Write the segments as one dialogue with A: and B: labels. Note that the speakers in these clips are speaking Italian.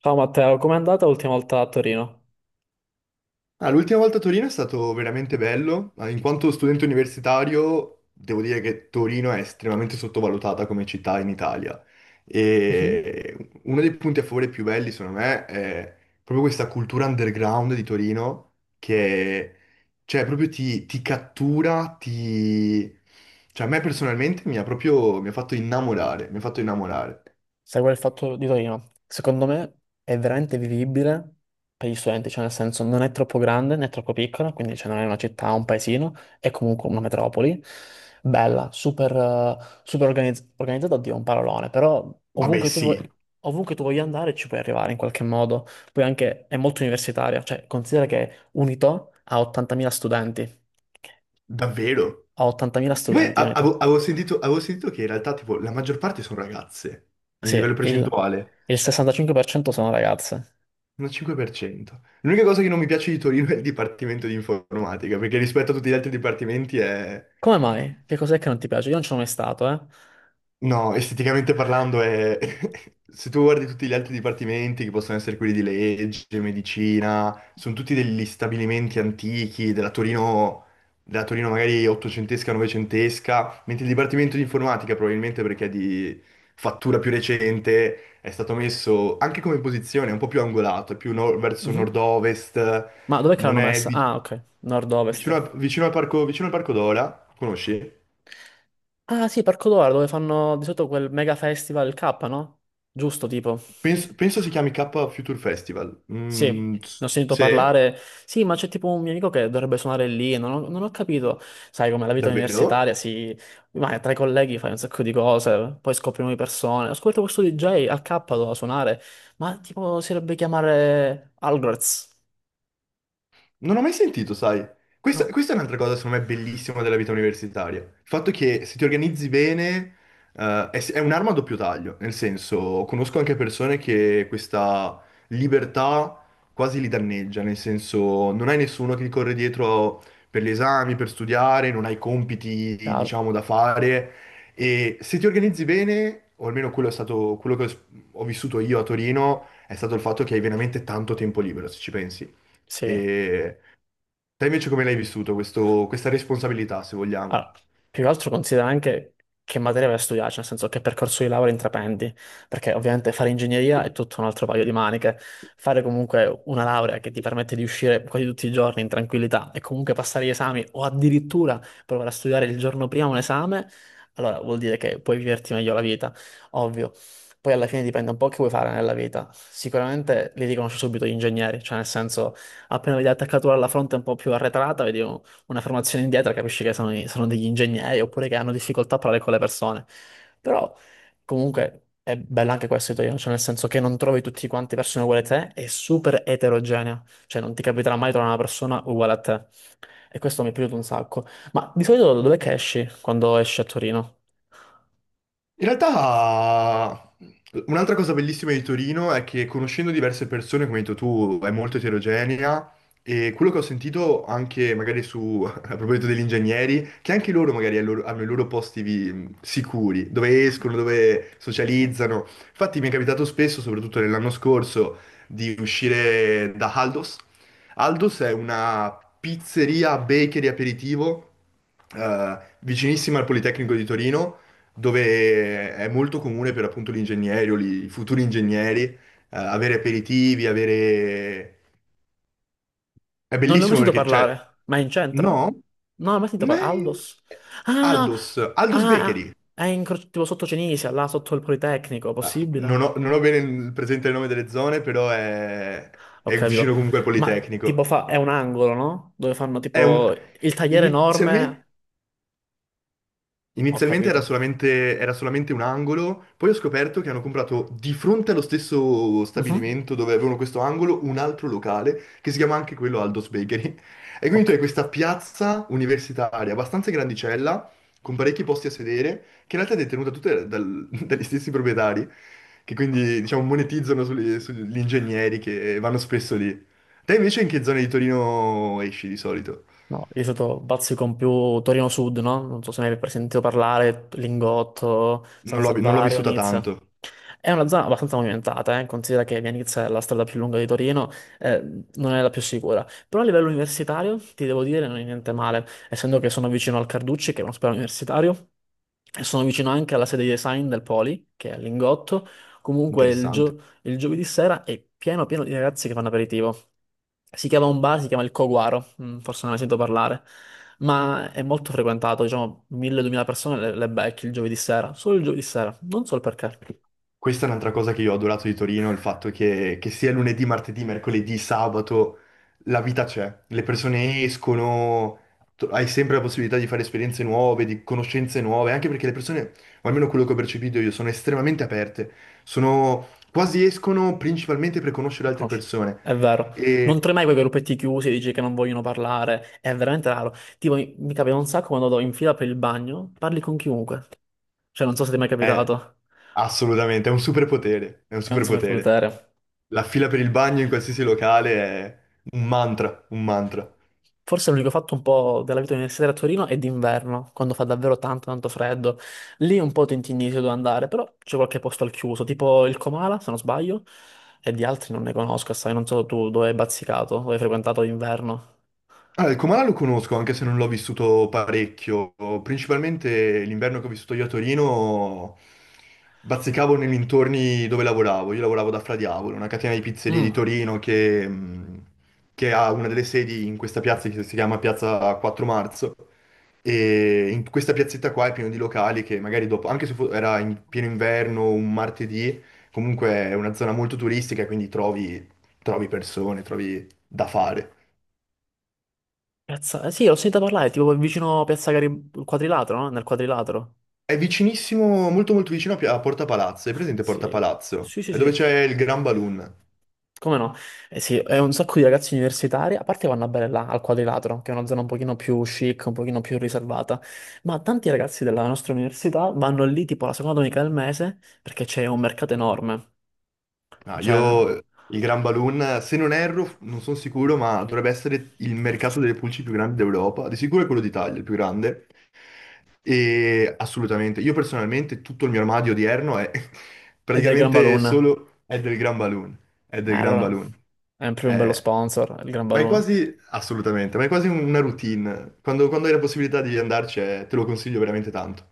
A: Ciao Matteo, com'è andata l'ultima volta a Torino?
B: Ah, l'ultima volta a Torino è stato veramente bello. Ah, in quanto studente universitario, devo dire che Torino è estremamente sottovalutata come città in Italia.
A: Mhm.
B: E uno dei punti a favore più belli, secondo me, è proprio questa cultura underground di Torino che, cioè, proprio ti cattura. Cioè, a me personalmente mi ha fatto innamorare, mi ha fatto innamorare.
A: Sai qual è il fatto di Torino? Secondo me è veramente vivibile per gli studenti, cioè nel senso non è troppo grande né troppo piccola, quindi cioè, non è una città, un paesino, è comunque una metropoli, bella, super, super organizzata, oddio, un parolone, però
B: Vabbè,
A: ovunque tu, vuoi,
B: sì,
A: ovunque tu voglia andare ci puoi arrivare in qualche modo, poi anche è molto universitaria, cioè considera che Unito ha 80.000 studenti,
B: davvero.
A: ha 80.000
B: E poi
A: studenti
B: avevo,
A: Unito.
B: avevo sentito, avevo sentito che in realtà tipo la maggior parte sono ragazze, in
A: Sì,
B: livello
A: il,
B: percentuale,
A: il 65% sono ragazze.
B: un 5%. L'unica cosa che non mi piace di Torino è il dipartimento di informatica, perché rispetto a tutti gli altri dipartimenti è,
A: Come mai? Che cos'è che non ti piace? Io non ci sono mai stato, eh.
B: no, esteticamente parlando. Se tu guardi tutti gli altri dipartimenti, che possono essere quelli di legge, medicina, sono tutti degli stabilimenti antichi della Torino magari ottocentesca, novecentesca, mentre il dipartimento di informatica, probabilmente perché è di fattura più recente, è stato messo anche come posizione un po' più angolato, è più verso
A: Mhm.
B: nord-ovest,
A: Ma dov'è che
B: non
A: l'hanno
B: è
A: messa? Ah, ok, nord-ovest.
B: vicino, vicino al parco Dola, conosci?
A: Ah, sì, Parco Dora, dove fanno di solito quel mega festival, il K, no? Giusto, tipo.
B: Penso si chiami K Future Festival.
A: Sì,
B: Mm,
A: ne ho sentito
B: sì,
A: parlare. Sì, ma c'è tipo un mio amico che dovrebbe suonare lì. Non ho capito. Sai, come la vita
B: davvero?
A: universitaria si. Vai tra i colleghi fai un sacco di cose, poi scopri nuove persone. Ascolta questo DJ al K doveva suonare, ma tipo si dovrebbe chiamare Algrez.
B: Non ho mai sentito, sai. Questa,
A: No,
B: questa è un'altra cosa, secondo me, bellissima della vita universitaria. Il fatto che se ti organizzi bene, è un'arma a doppio taglio. Nel senso, conosco anche persone che questa libertà quasi li danneggia. Nel senso, non hai nessuno che ti corre dietro per gli esami, per studiare, non hai compiti,
A: chiaro.
B: diciamo, da fare. E se ti organizzi bene, o almeno quello è stato quello che ho vissuto io a Torino, è stato il fatto che hai veramente tanto tempo libero, se ci pensi.
A: Sì.
B: E te invece come l'hai vissuto questa responsabilità, se vogliamo?
A: Allora, più che altro considera anche che materia vai a studiare, cioè nel senso che percorso di laurea intraprendi, perché ovviamente fare ingegneria è tutto un altro paio di maniche. Fare comunque una laurea che ti permette di uscire quasi tutti i giorni in tranquillità e comunque passare gli esami o addirittura provare a studiare il giorno prima un esame, allora vuol dire che puoi viverti meglio la vita, ovvio. Poi alla fine dipende un po' che vuoi fare nella vita. Sicuramente li riconosci subito gli ingegneri, cioè nel senso appena vedi l'attaccatura alla fronte un po' più arretrata, vedi una formazione indietro, capisci che sono degli ingegneri oppure che hanno difficoltà a parlare con le persone. Però comunque è bello anche questo italiano, cioè nel senso che non trovi tutti quanti persone uguali a te, è super eterogenea, cioè non ti capiterà mai trovare una persona uguale a te. E questo mi è piaciuto un sacco. Ma di solito dov'è che esci quando esci a Torino?
B: In realtà, un'altra cosa bellissima di Torino è che conoscendo diverse persone, come hai detto tu, è molto eterogenea e quello che ho sentito anche magari su, a proposito degli ingegneri, che anche loro magari hanno i loro posti sicuri, dove escono, dove socializzano. Infatti mi è capitato spesso, soprattutto nell'anno scorso, di uscire da Aldos. Aldos è una pizzeria, bakery, aperitivo vicinissima al Politecnico di Torino dove è molto comune per appunto gli ingegneri o i futuri ingegneri avere aperitivi, avere... È
A: Non ne ho mai
B: bellissimo
A: sentito
B: perché c'è...
A: parlare, ma è in centro?
B: No?
A: Non ho mai sentito parlare.
B: Ne-
A: Aldos? Ah,
B: Aldos, Aldos
A: ah,
B: Bakery.
A: ah, è in, tipo sotto Cenisia, là sotto il Politecnico,
B: Ah, Non
A: possibile?
B: ho, non ho bene presente il nome delle zone, però
A: Ho
B: è
A: capito.
B: vicino comunque al
A: Ma tipo
B: Politecnico.
A: fa, è un angolo, no? Dove fanno
B: È un...
A: tipo il tagliere enorme.
B: Inizialmente...
A: Ho
B: Inizialmente era
A: capito.
B: solamente, era solamente un angolo, poi ho scoperto che hanno comprato di fronte allo stesso
A: Mhm.
B: stabilimento dove avevano questo angolo un altro locale che si chiama anche quello Aldo's Bakery. E quindi tu hai
A: Ok.
B: questa piazza universitaria abbastanza grandicella, con parecchi posti a sedere, che in realtà è detenuta tutta dagli stessi proprietari, che quindi diciamo monetizzano sugli ingegneri che vanno spesso lì. Te invece in che zone di Torino esci di solito?
A: No, io sono bazzico più Torino Sud, no? Non so se ne hai mai sentito parlare, Lingotto,
B: Non
A: San
B: l'ho non l'ho
A: Salvario,
B: vissuta
A: Nizza.
B: tanto.
A: È una zona abbastanza movimentata, considera che Viareggio è la strada più lunga di Torino, eh, non è la più sicura. Però a livello universitario, ti devo dire, non è niente male, essendo che sono vicino al Carducci, che è un ospedale universitario, e sono vicino anche alla sede di design del Poli, che è a Lingotto. Comunque
B: Interessante.
A: il giovedì sera è pieno pieno di ragazzi che fanno aperitivo. Si chiama un bar, si chiama il Coguaro, forse non ne sento parlare, ma è molto frequentato, diciamo 1000-2000 persone le becchi il giovedì sera, solo il giovedì sera, non so il perché.
B: Questa è un'altra cosa che io ho adorato di Torino, il fatto che sia lunedì, martedì, mercoledì, sabato, la vita c'è. Le persone escono, hai sempre la possibilità di fare esperienze nuove, di conoscenze nuove, anche perché le persone, o almeno quello che ho percepito io, sono estremamente aperte. Sono, quasi escono principalmente per conoscere altre
A: Conosci-
B: persone.
A: È vero. Non
B: E
A: trovi mai quei gruppetti chiusi, dici che non vogliono parlare. È veramente raro. Tipo, mi capita un sacco quando vado in fila per il bagno, parli con chiunque. Cioè, non so se ti è mai
B: è
A: capitato.
B: assolutamente, è un superpotere, è un
A: È un
B: superpotere.
A: superpotere.
B: La fila per il bagno in qualsiasi locale è un mantra, un mantra.
A: Forse l'unico fatto un po' della vita universitaria a Torino è d'inverno, quando fa davvero tanto, tanto freddo. Lì un po' ti intinisci dove andare, però c'è qualche posto al chiuso, tipo il Comala, se non sbaglio, e di altri non ne conosco, sai, non so tu dove hai bazzicato, dove hai frequentato d'inverno.
B: Allora, il Comala lo conosco, anche se non l'ho vissuto parecchio. Principalmente l'inverno che ho vissuto io a Torino, bazzicavo nei dintorni dove lavoravo. Io lavoravo da Fra Diavolo, una catena di pizzerie di
A: Mm.
B: Torino che ha una delle sedi in questa piazza che si chiama Piazza IV Marzo. E in questa piazzetta qua è pieno di locali che magari dopo, anche se era in pieno inverno, un martedì, comunque è una zona molto turistica, quindi trovi persone, trovi da fare.
A: Piazza, sì, l'ho sentita parlare, tipo vicino Piazza Garibaldi, quadrilatero, no? Nel quadrilatero.
B: È vicinissimo, molto molto vicino a Porta Palazzo, è presente Porta
A: Sì,
B: Palazzo?
A: sì, sì,
B: È dove
A: sì.
B: c'è il Gran Balloon.
A: Come no? Eh sì, è un sacco di ragazzi universitari, a parte vanno a bere là, al quadrilatero, che è una zona un pochino più chic, un pochino più riservata, ma tanti ragazzi della nostra università vanno lì tipo la seconda domenica del mese, perché c'è un mercato enorme,
B: Ah,
A: cioè,
B: io il Gran Balloon, se non erro, non sono sicuro, ma dovrebbe essere il mercato delle pulci più grande d'Europa. Di sicuro è quello d'Italia, il più grande. E assolutamente, io personalmente tutto il mio armadio odierno è
A: è del Gran
B: praticamente
A: Balloon.
B: solo è del Gran Balloon, è
A: Eh,
B: del Gran
A: allora,
B: Balloon.
A: è proprio un bello
B: Eh,
A: sponsor, il Gran
B: ma è
A: Balloon.
B: quasi, assolutamente, ma è quasi una routine. Quando hai la possibilità di andarci, te lo consiglio veramente tanto.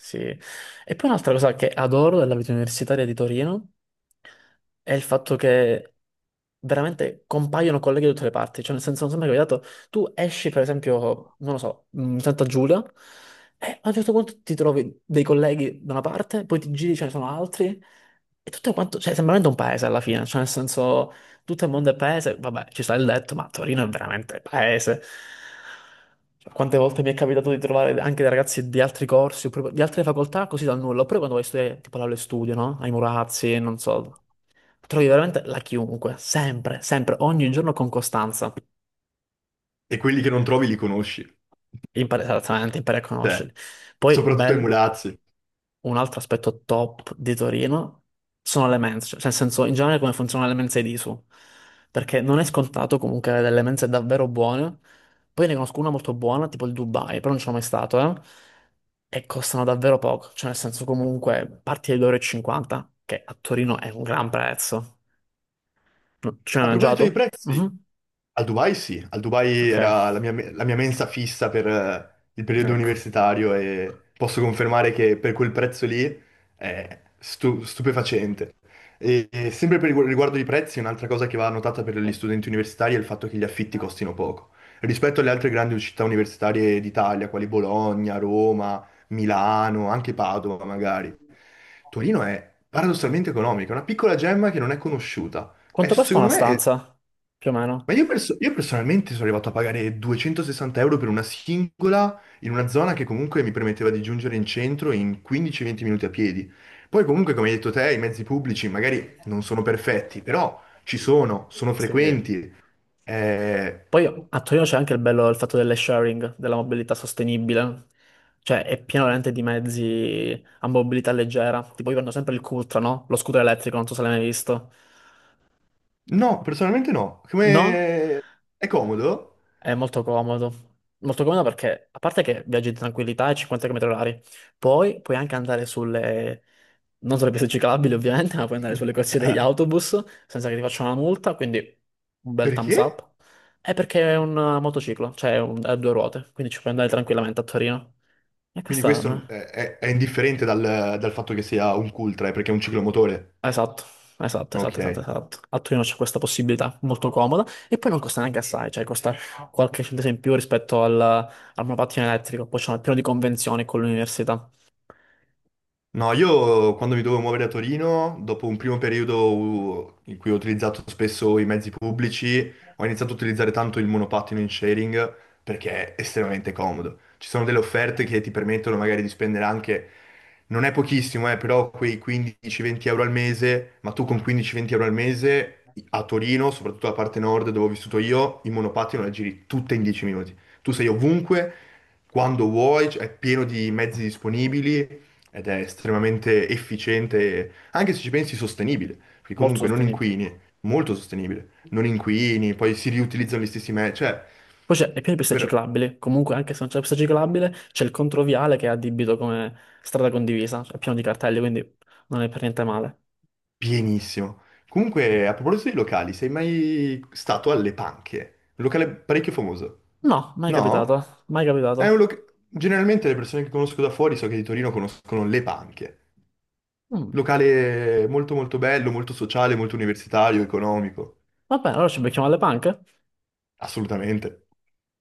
A: Sì. E poi un'altra cosa che adoro della vita universitaria di Torino è il fatto che veramente compaiono colleghi da tutte le parti. Cioè, nel senso, non sembra capitato, tu esci, per esempio, non lo so, Santa Giulia, e a un certo punto ti trovi dei colleghi da una parte, poi ti giri, ce ne sono altri, e tutto quanto, cioè, sembra veramente un paese alla fine. Cioè, nel senso, tutto il mondo è paese, vabbè, ci sta il detto, ma Torino è veramente paese. Cioè, quante volte mi è capitato di trovare anche dei ragazzi di altri corsi, oppure di altre facoltà, così dal nulla. Oppure quando vai a studiare, tipo l'aula e studio, no? Ai Murazzi, non so. Trovi veramente la chiunque, sempre, sempre, ogni giorno con costanza.
B: E quelli che non trovi li conosci,
A: Impari esattamente, impari a
B: cioè,
A: conoscerli. Poi,
B: soprattutto ai
A: bel,
B: mulazzi.
A: un altro aspetto top di Torino sono le mense, cioè, nel senso, in generale come funzionano le mense di su, perché non è scontato comunque avere delle mense davvero buone. Poi ne conosco una molto buona, tipo il Dubai, però non ci sono mai stato, eh. E costano davvero poco, cioè nel senso comunque parti da 2,50 euro, e cinquanta, che a Torino è un gran prezzo. No, ci hai
B: A proposito di
A: mangiato?
B: prezzi,
A: Mhm.
B: al Dubai sì, al Dubai
A: Ok,
B: era la mia mensa fissa per il periodo
A: ecco.
B: universitario e posso confermare che per quel prezzo lì è stupefacente. E sempre per riguardo i prezzi, un'altra cosa che va notata per gli studenti universitari è il fatto che gli affitti costino poco. Rispetto alle altre grandi città universitarie d'Italia, quali Bologna, Roma, Milano, anche Padova magari, Torino è paradossalmente economica, è una piccola gemma che non è conosciuta. E
A: Quanto costa una
B: secondo me è
A: stanza? Più o
B: ma
A: meno?
B: io personalmente sono arrivato a pagare 260 euro per una singola in una zona che comunque mi permetteva di giungere in centro in 15-20 minuti a piedi. Poi comunque, come hai detto te, i mezzi pubblici magari non sono perfetti, però ci sono, sono
A: Sì.
B: frequenti. Eh,
A: Poi a Torino c'è anche il bello del fatto delle sharing, della mobilità sostenibile. Cioè, è pieno veramente di mezzi a mobilità leggera. Tipo, io prendo sempre il Cutra, no? Lo scooter elettrico, non so se l'hai mai visto.
B: No, personalmente no.
A: No?
B: Come... È comodo?
A: È molto comodo. Molto comodo perché, a parte che viaggi in tranquillità ai 50 km orari, poi puoi anche andare sulle, non sulle piste ciclabili ovviamente, ma puoi andare sulle corsie degli autobus senza che ti facciano una multa, quindi un bel thumbs
B: Perché?
A: up. È perché è un motociclo, cioè è a due ruote, quindi ci puoi andare tranquillamente a Torino. E
B: Quindi questo è,
A: quest'anno.
B: è- è indifferente dal fatto che sia un cultra, perché è un ciclomotore.
A: Esatto, esatto, esatto,
B: Ok.
A: esatto, esatto. A Torino c'è questa possibilità molto comoda e poi non costa neanche assai, cioè costa qualche centesimo in più rispetto al monopattino elettrico, poi c'è un piano di convenzioni con l'università,
B: No, io quando mi dovevo muovere a Torino, dopo un primo periodo in cui ho utilizzato spesso i mezzi pubblici, ho iniziato a utilizzare tanto il monopattino in sharing perché è estremamente comodo. Ci sono delle offerte che ti permettono magari di spendere anche, non è pochissimo, però quei 15-20 euro al mese, ma tu con 15-20 euro al mese a Torino, soprattutto la parte nord dove ho vissuto io, il monopattino la giri tutta in 10 minuti. Tu sei ovunque, quando vuoi, è pieno di mezzi disponibili ed è estremamente efficiente, anche se ci pensi sostenibile, perché
A: molto
B: comunque non
A: sostenibile.
B: inquini, molto sostenibile, non inquini, poi si riutilizzano gli stessi mezzi, cioè,
A: Poi c'è il piano di piste
B: davvero,
A: ciclabili, comunque anche se non c'è la pista ciclabile c'è il controviale che è addibito come strada condivisa, cioè pieno di cartelli, quindi non è per niente male.
B: pienissimo. Comunque, a proposito di locali, sei mai stato alle Panche? Un locale parecchio famoso.
A: No, mai capitato,
B: No?
A: mai capitato.
B: Generalmente le persone che conosco da fuori, so che di Torino conoscono le Panche.
A: Mm.
B: Locale molto molto bello, molto sociale, molto universitario, economico.
A: Va bene, allora ci becchiamo alle panche?
B: Assolutamente.